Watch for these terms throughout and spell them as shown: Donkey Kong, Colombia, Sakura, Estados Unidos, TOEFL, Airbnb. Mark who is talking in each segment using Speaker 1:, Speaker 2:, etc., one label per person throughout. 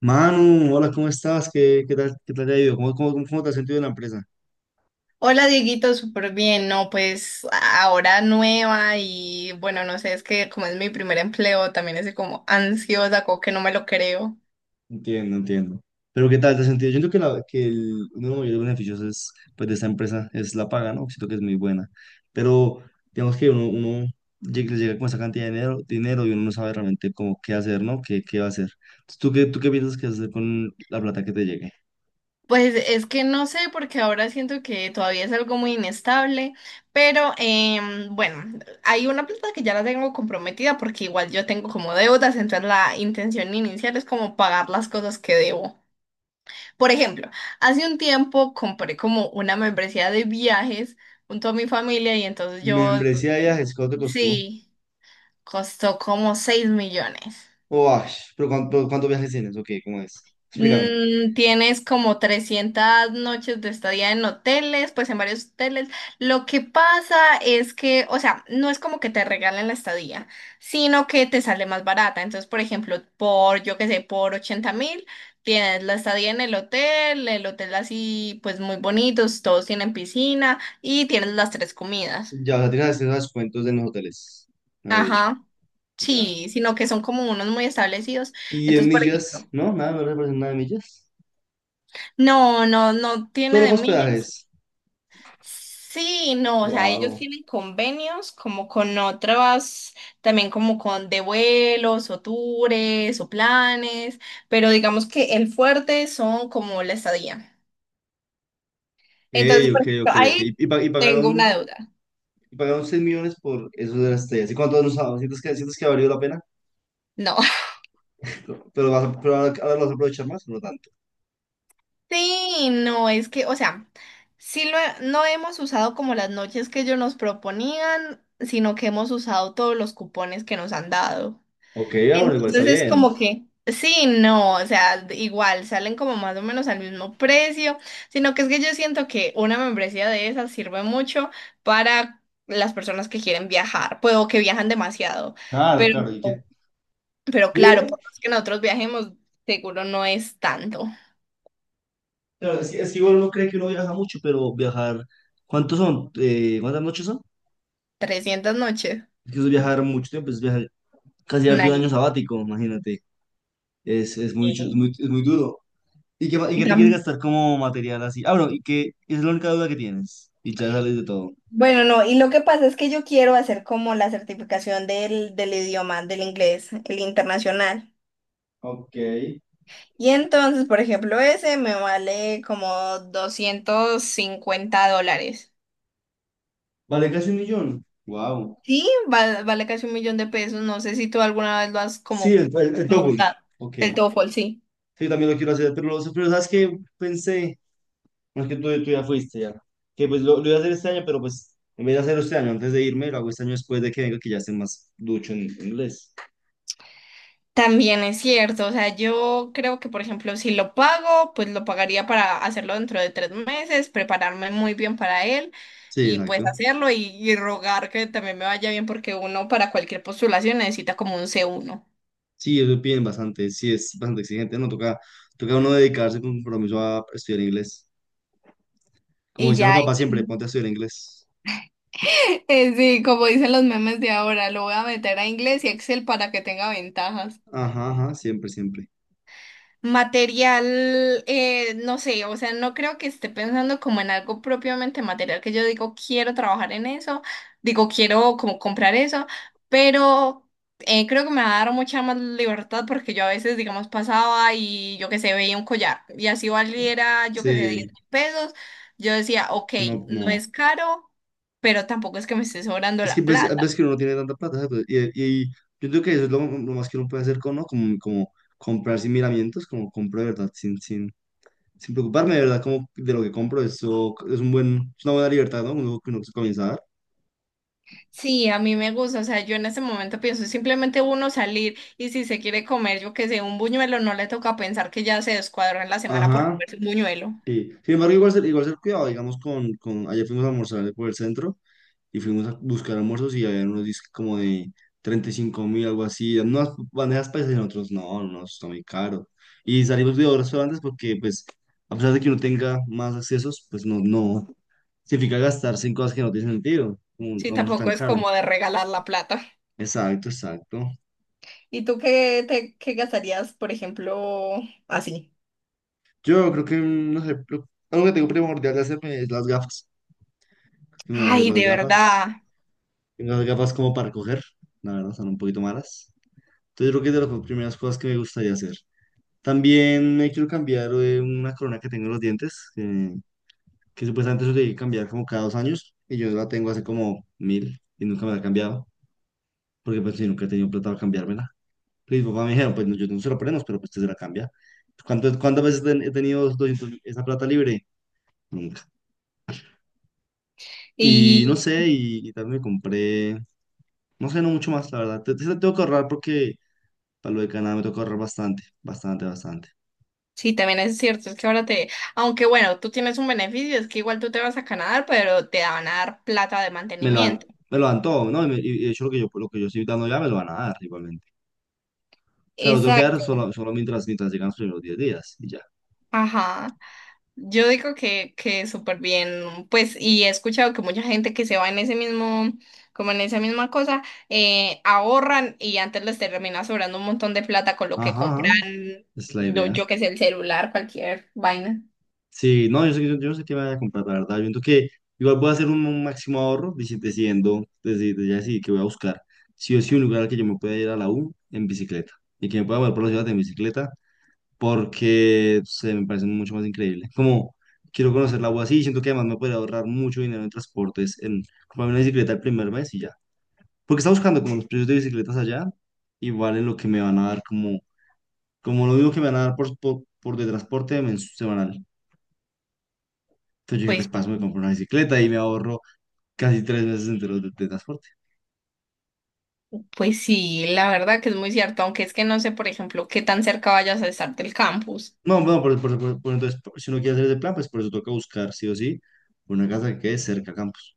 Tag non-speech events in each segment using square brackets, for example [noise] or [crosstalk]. Speaker 1: Manu, hola, ¿cómo estás? ¿Qué tal te ha ido? ¿Cómo te has sentido en la empresa?
Speaker 2: Hola Dieguito, súper bien, no, pues ahora nueva y bueno, no sé, es que como es mi primer empleo, también estoy como ansiosa, como que no me lo creo.
Speaker 1: Entiendo, entiendo. Pero ¿qué tal te has sentido? Yo siento que, uno de los mayores beneficios pues, de esta empresa es la paga, ¿no? Siento que es muy buena. Pero digamos que uno llega con esa cantidad de dinero, dinero y uno no sabe realmente cómo qué hacer, ¿no? ¿Qué va a hacer? Entonces, ¿tú qué piensas que hacer con la plata que te llegue?
Speaker 2: Pues es que no sé, porque ahora siento que todavía es algo muy inestable, pero bueno, hay una plata que ya la tengo comprometida porque igual yo tengo como deudas, entonces la intención inicial es como pagar las cosas que debo. Por ejemplo, hace un tiempo compré como una membresía de viajes junto a mi familia y entonces yo
Speaker 1: Membresía de viajes, ¿cuánto te costó?
Speaker 2: Sí, costó como 6 millones.
Speaker 1: Oh, ay, pero ¿cuántos viajes tienes? Ok, ¿cómo es? Explícame.
Speaker 2: Tienes como 300 noches de estadía en hoteles, pues en varios hoteles. Lo que pasa es que, o sea, no es como que te regalen la estadía, sino que te sale más barata. Entonces, por ejemplo, por, yo qué sé, por 80.000, tienes la estadía en el hotel así, pues muy bonitos, todos tienen piscina y tienes las tres comidas.
Speaker 1: Ya, o sea, tienes acceso a descuentos en los hoteles, me lo he dicho.
Speaker 2: Ajá,
Speaker 1: Ya.
Speaker 2: sí, sino que son como unos muy establecidos.
Speaker 1: Y en
Speaker 2: Entonces, por
Speaker 1: millas,
Speaker 2: ejemplo.
Speaker 1: ¿no? Nada, no representan nada de millas.
Speaker 2: No, no, no tiene
Speaker 1: Solo
Speaker 2: de
Speaker 1: fue
Speaker 2: millas.
Speaker 1: hospedajes.
Speaker 2: Sí, no, o sea, ellos
Speaker 1: Wow.
Speaker 2: tienen convenios como con otras, también como con de vuelos o tours o planes, pero digamos que el fuerte son como la estadía.
Speaker 1: Ok,
Speaker 2: Entonces, por
Speaker 1: ok,
Speaker 2: ejemplo,
Speaker 1: ok, ok. Y,
Speaker 2: ahí
Speaker 1: y pa- y
Speaker 2: tengo una
Speaker 1: pagaron,
Speaker 2: deuda.
Speaker 1: y pagaron 6 millones por eso de las estrellas. ¿Sientes que ha valido la pena?
Speaker 2: No. [laughs]
Speaker 1: No, pero, pero ahora lo vas a aprovechar más, no tanto.
Speaker 2: Sí, no, es que, o sea, no hemos usado como las noches que ellos nos proponían, sino que hemos usado todos los cupones que nos han dado.
Speaker 1: Ok, ah, bueno, igual está
Speaker 2: Entonces es
Speaker 1: bien.
Speaker 2: como que, sí, no, o sea, igual salen como más o menos al mismo precio, sino que es que yo siento que una membresía de esas sirve mucho para las personas que quieren viajar, pues o que viajan demasiado,
Speaker 1: Claro,
Speaker 2: pero,
Speaker 1: claro. ¿Y qué?
Speaker 2: pero claro,
Speaker 1: Dime,
Speaker 2: por más que nosotros viajemos, seguro no es tanto.
Speaker 1: claro, es que igual uno cree que uno viaja mucho, pero viajar. ¿Cuántos son? ¿Cuántas noches son?
Speaker 2: 300 noches.
Speaker 1: Es que eso es viajar mucho tiempo, es viajar casi
Speaker 2: Un
Speaker 1: darte un
Speaker 2: año.
Speaker 1: año sabático, imagínate. Es muy, chu-
Speaker 2: Sí.
Speaker 1: es muy duro. ¿Y qué, ma- y
Speaker 2: Y
Speaker 1: qué te quieres
Speaker 2: tam-
Speaker 1: gastar como material así? Ah, bueno, y que es la única duda que tienes. Y ya sales de todo.
Speaker 2: Bueno, no, y lo que pasa es que yo quiero hacer como la certificación del idioma, del inglés, el internacional.
Speaker 1: Ok.
Speaker 2: Y entonces, por ejemplo, ese me vale como US$250.
Speaker 1: Vale, casi un millón. Wow.
Speaker 2: Sí, vale, vale casi 1 millón de pesos. No sé si tú alguna vez lo has
Speaker 1: Sí,
Speaker 2: como
Speaker 1: el double.
Speaker 2: consultado.
Speaker 1: Ok.
Speaker 2: El
Speaker 1: Sí,
Speaker 2: TOEFL, sí.
Speaker 1: yo también lo quiero hacer, pero ¿sabes qué? Pensé, no es que tú ya fuiste ya, que pues lo iba a hacer este año, pero pues en vez de hacerlo este año, antes de irme, lo hago este año después de que venga, que ya esté más ducho en inglés.
Speaker 2: También es cierto. O sea, yo creo que, por ejemplo, si lo pago, pues lo pagaría para hacerlo dentro de 3 meses, prepararme muy bien para él
Speaker 1: Sí,
Speaker 2: y pues
Speaker 1: exacto.
Speaker 2: hacerlo y rogar que también me vaya bien porque uno para cualquier postulación necesita como un C1.
Speaker 1: Sí, eso piden bastante, sí es bastante exigente, ¿no? Toca uno dedicarse con compromiso a estudiar inglés. Como
Speaker 2: Y
Speaker 1: dicen los
Speaker 2: ya.
Speaker 1: papás siempre, ponte a estudiar inglés.
Speaker 2: Sí, como dicen los memes de ahora, lo voy a meter a inglés y Excel para que tenga ventajas.
Speaker 1: Ajá, ajá, siempre, siempre.
Speaker 2: Material, no sé, o sea, no creo que esté pensando como en algo propiamente material, que yo digo, quiero trabajar en eso, digo, quiero como comprar eso, pero creo que me va a dar mucha más libertad porque yo a veces, digamos, pasaba y yo que sé, veía un collar y así valiera, yo que sé, 10
Speaker 1: Sí,
Speaker 2: mil pesos, yo decía, ok,
Speaker 1: no,
Speaker 2: no
Speaker 1: no.
Speaker 2: es caro, pero tampoco es que me esté sobrando
Speaker 1: Es que
Speaker 2: la
Speaker 1: ves,
Speaker 2: plata.
Speaker 1: ves que uno no tiene tanta plata, ¿sabes? Pues, y yo creo que eso es lo más que uno puede hacer con, ¿no? Como comprar sin miramientos, como compro de verdad, sin preocuparme de verdad como de lo que compro. Eso es es una buena libertad, ¿no? Uno, que uno se comienza a dar.
Speaker 2: Sí, a mí me gusta, o sea, yo en este momento pienso simplemente uno salir y si se quiere comer, yo que sé, un buñuelo, no le toca pensar que ya se descuadró en la semana por
Speaker 1: Ajá,
Speaker 2: comerse un buñuelo.
Speaker 1: sí. Sin embargo, igual ser cuidado, digamos, ayer fuimos a almorzar por el centro. Y fuimos a buscar almuerzos y había unos discos como de 35.000, algo así, unas bandejas paisas y nosotros, no, no, eso está muy caro. Y salimos de dos restaurantes porque, pues, a pesar de que uno tenga más accesos, pues no, no, significa gastarse en cosas que no tienen sentido, como un
Speaker 2: Sí,
Speaker 1: almuerzo
Speaker 2: tampoco
Speaker 1: tan
Speaker 2: es
Speaker 1: caro.
Speaker 2: como de regalar la plata.
Speaker 1: Exacto, exacto.
Speaker 2: ¿Y tú qué te qué gastarías, por ejemplo, así?
Speaker 1: Yo creo que, no sé, algo que tengo primordial de hacerme es las gafas. Yo me voy a hacer
Speaker 2: Ay,
Speaker 1: las
Speaker 2: de verdad.
Speaker 1: gafas. Tengo las gafas como para coger, la verdad, son un poquito malas. Entonces, yo creo que es de las primeras cosas que me gustaría hacer. También me quiero cambiar una corona que tengo en los dientes, que supuestamente eso debí cambiar como cada 2 años, y yo la tengo hace como mil y nunca me la he cambiado, porque pues yo nunca he tenido plata para cambiármela. Y mis papás me dijeron, pues no, yo no se la ponemos, pero pues usted se la cambia. ¿Cuántas veces he tenido 200 esa plata libre? Nunca. Y no
Speaker 2: Y
Speaker 1: sé, y también me compré, no sé, no mucho más, la verdad. Tengo que ahorrar porque para lo de Canadá me toca ahorrar bastante, bastante, bastante.
Speaker 2: sí, también es cierto, es que ahora te, aunque bueno, tú tienes un beneficio, es que igual tú te vas a Canadá, pero te van a dar plata de
Speaker 1: me lo dan,
Speaker 2: mantenimiento.
Speaker 1: me lo dan todo, ¿no? De hecho lo que yo estoy dando ya me lo van a dar igualmente. O sea, lo tengo que dar
Speaker 2: Exacto.
Speaker 1: solo mientras llegan los primeros 10 días y ya.
Speaker 2: Ajá. Yo digo que súper bien, pues, y he escuchado que mucha gente que se va en ese mismo, como en esa misma cosa, ahorran y antes les termina sobrando un montón de plata con lo que
Speaker 1: Ajá, ajá,
Speaker 2: compran,
Speaker 1: es la
Speaker 2: lo,
Speaker 1: idea.
Speaker 2: yo que sé, el celular, cualquier vaina.
Speaker 1: Sí, no, yo sé, yo sé que me voy a comprar, la verdad. Yo siento que igual voy a hacer un máximo ahorro decidiendo, desde ya decidí que voy a buscar sí o sí un lugar al que yo me pueda ir a la U en bicicleta y que me pueda mover por la ciudad en bicicleta porque se me parece mucho más increíble. Como quiero conocer la U así, siento que además me podría ahorrar mucho dinero en transportes, en comprarme una bicicleta el primer mes y ya. Porque está buscando como los precios de bicicletas allá, igual en lo que me van a dar como lo mismo que me van a dar por de transporte semanal. Entonces yo dije,
Speaker 2: Pues,
Speaker 1: pues paso, me compro una bicicleta y me ahorro casi 3 meses enteros de transporte.
Speaker 2: pues sí, la verdad que es muy cierto, aunque es que no sé, por ejemplo, qué tan cerca vayas a estar del campus.
Speaker 1: No, bueno, entonces, si uno quiere hacer ese plan, pues por eso toca buscar sí o sí una casa que quede cerca a Campos.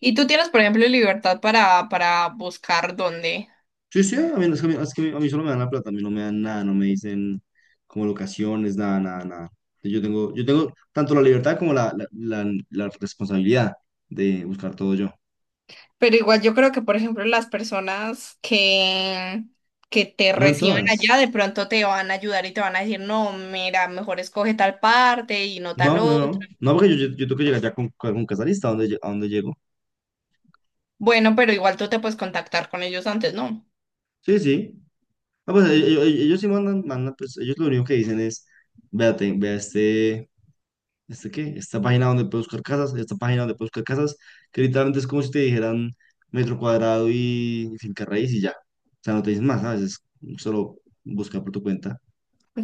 Speaker 2: Y tú tienes, por ejemplo, libertad para buscar dónde.
Speaker 1: Sí, sí, a mí, es que a mí, es que a mí solo me dan la plata, a mí no me dan nada, no me dicen como locaciones, nada, nada, nada. Yo tengo tanto la libertad como la responsabilidad de buscar todo yo.
Speaker 2: Pero igual yo creo que, por ejemplo, las personas que te
Speaker 1: No en
Speaker 2: reciban
Speaker 1: todas.
Speaker 2: allá de pronto te van a ayudar y te van a decir, no, mira, mejor escoge tal parte y no tal
Speaker 1: No, no, no.
Speaker 2: otra.
Speaker 1: No, porque yo tengo que llegar ya con casalista, a dónde llego?
Speaker 2: Bueno, pero igual tú te puedes contactar con ellos antes, ¿no?
Speaker 1: Sí, sí. Ah, pues ellos sí mandan, pues ellos lo único que dicen es, vea este. ¿Este qué? Esta página donde puedo buscar casas, esta página donde puedo buscar casas, que literalmente es como si te dijeran metro cuadrado y finca raíz y ya. O sea, no te dicen más, ¿sabes? Es solo buscar por tu cuenta.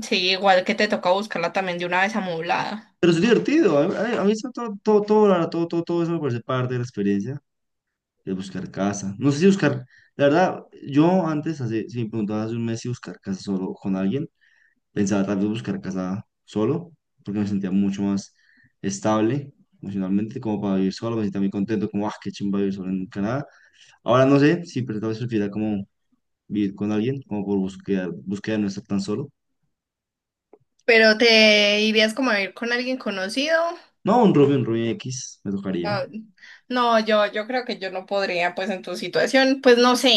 Speaker 2: Sí, igual que te toca buscarla también de una vez amoblada.
Speaker 1: Pero es divertido, a mí eso todo, todo, todo, la verdad, todo, todo, todo eso me parece parte de la experiencia, de buscar casa. No sé si buscar, la verdad, yo antes, si me preguntabas hace un mes si buscar casa solo con alguien, pensaba tal vez buscar casa solo, porque me sentía mucho más estable emocionalmente, como para vivir solo, me sentía muy contento, como, ah, qué chimba vivir solo en Canadá. Ahora no sé, sí, pero tal vez prefiera como vivir con alguien, como búsqueda de no estar tan solo.
Speaker 2: Pero te irías como a ir con alguien conocido.
Speaker 1: No, un roomie X, me tocaría.
Speaker 2: Ah, no, yo creo que yo no podría, pues en tu situación, pues no sé,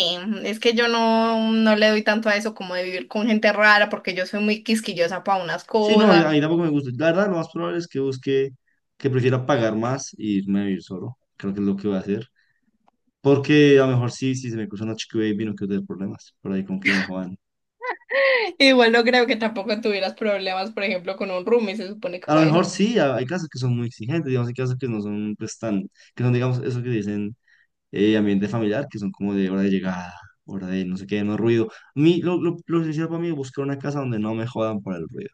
Speaker 2: es que yo no, no le doy tanto a eso como de vivir con gente rara, porque yo soy muy quisquillosa para unas
Speaker 1: Sí, no, ahí
Speaker 2: cosas.
Speaker 1: ahí tampoco me gusta. La verdad, lo más probable es que que prefiera pagar más y irme a vivir solo. Creo que es lo que voy a hacer. Porque a lo mejor sí, si se me cruza una chica baby, no quiero tener problemas. Por ahí con que me jodan.
Speaker 2: [laughs] Igual no creo que tampoco tuvieras problemas, por ejemplo, con un roomie, se supone que
Speaker 1: A lo
Speaker 2: para eso,
Speaker 1: mejor sí, hay casas que son muy exigentes, digamos, hay casas que no son pues tan, que son, digamos, eso que dicen ambiente familiar, que son como de hora de llegada, hora de no sé qué, no ruido. A mí, lo esencial para mí es buscar una casa donde no me jodan por el ruido,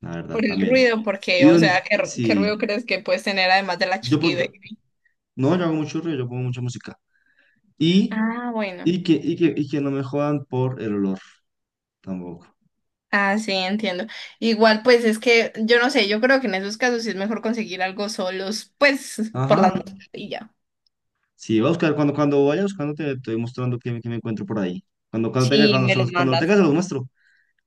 Speaker 1: la
Speaker 2: por
Speaker 1: verdad,
Speaker 2: el
Speaker 1: también.
Speaker 2: ruido, porque,
Speaker 1: Y
Speaker 2: o
Speaker 1: donde,
Speaker 2: sea, qué ruido
Speaker 1: sí,
Speaker 2: crees que puedes tener además de la
Speaker 1: yo, pon- yo-
Speaker 2: chiquibé?
Speaker 1: no, yo hago mucho ruido, yo pongo mucha música. Y,
Speaker 2: Ah, bueno.
Speaker 1: y que no me jodan por el olor, tampoco.
Speaker 2: Ah, sí, entiendo. Igual, pues es que yo no sé, yo creo que en esos casos sí es mejor conseguir algo solos, pues por las
Speaker 1: Ajá.
Speaker 2: noches y ya.
Speaker 1: Sí, voy a buscar, cuando vaya buscando te voy mostrando qué me encuentro por ahí. Cuando, cuando tenga,
Speaker 2: Sí,
Speaker 1: cuando,
Speaker 2: me
Speaker 1: se
Speaker 2: los
Speaker 1: los- cuando lo
Speaker 2: mandas.
Speaker 1: tenga se los muestro.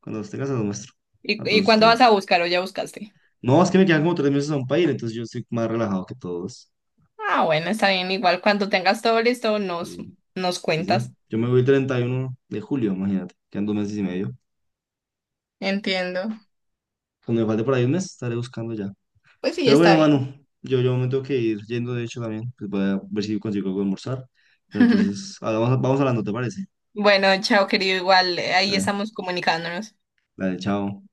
Speaker 1: Cuando los tengas se los muestro
Speaker 2: ¿Y,
Speaker 1: a
Speaker 2: y
Speaker 1: todos
Speaker 2: cuándo vas a
Speaker 1: ustedes.
Speaker 2: buscar o ya buscaste?
Speaker 1: No, es que me quedan como 3 meses aún para ir, entonces yo estoy más relajado que todos.
Speaker 2: Ah, bueno, está bien, igual cuando tengas todo listo nos,
Speaker 1: Y-
Speaker 2: nos
Speaker 1: Sí, sí,
Speaker 2: cuentas.
Speaker 1: yo me voy el 31 de julio, imagínate. Quedan 2 meses y medio.
Speaker 2: Entiendo.
Speaker 1: Cuando me falte por ahí un mes, estaré buscando ya.
Speaker 2: Pues sí,
Speaker 1: Pero bueno,
Speaker 2: está bien.
Speaker 1: mano, yo me tengo que ir yendo, de hecho, también. Pues voy a ver si consigo algo de almorzar. Pero
Speaker 2: [laughs]
Speaker 1: entonces, ah, vamos, vamos hablando, ¿te parece?
Speaker 2: Bueno, chao, querido, igual ahí
Speaker 1: Dale,
Speaker 2: estamos comunicándonos.
Speaker 1: dale, chao.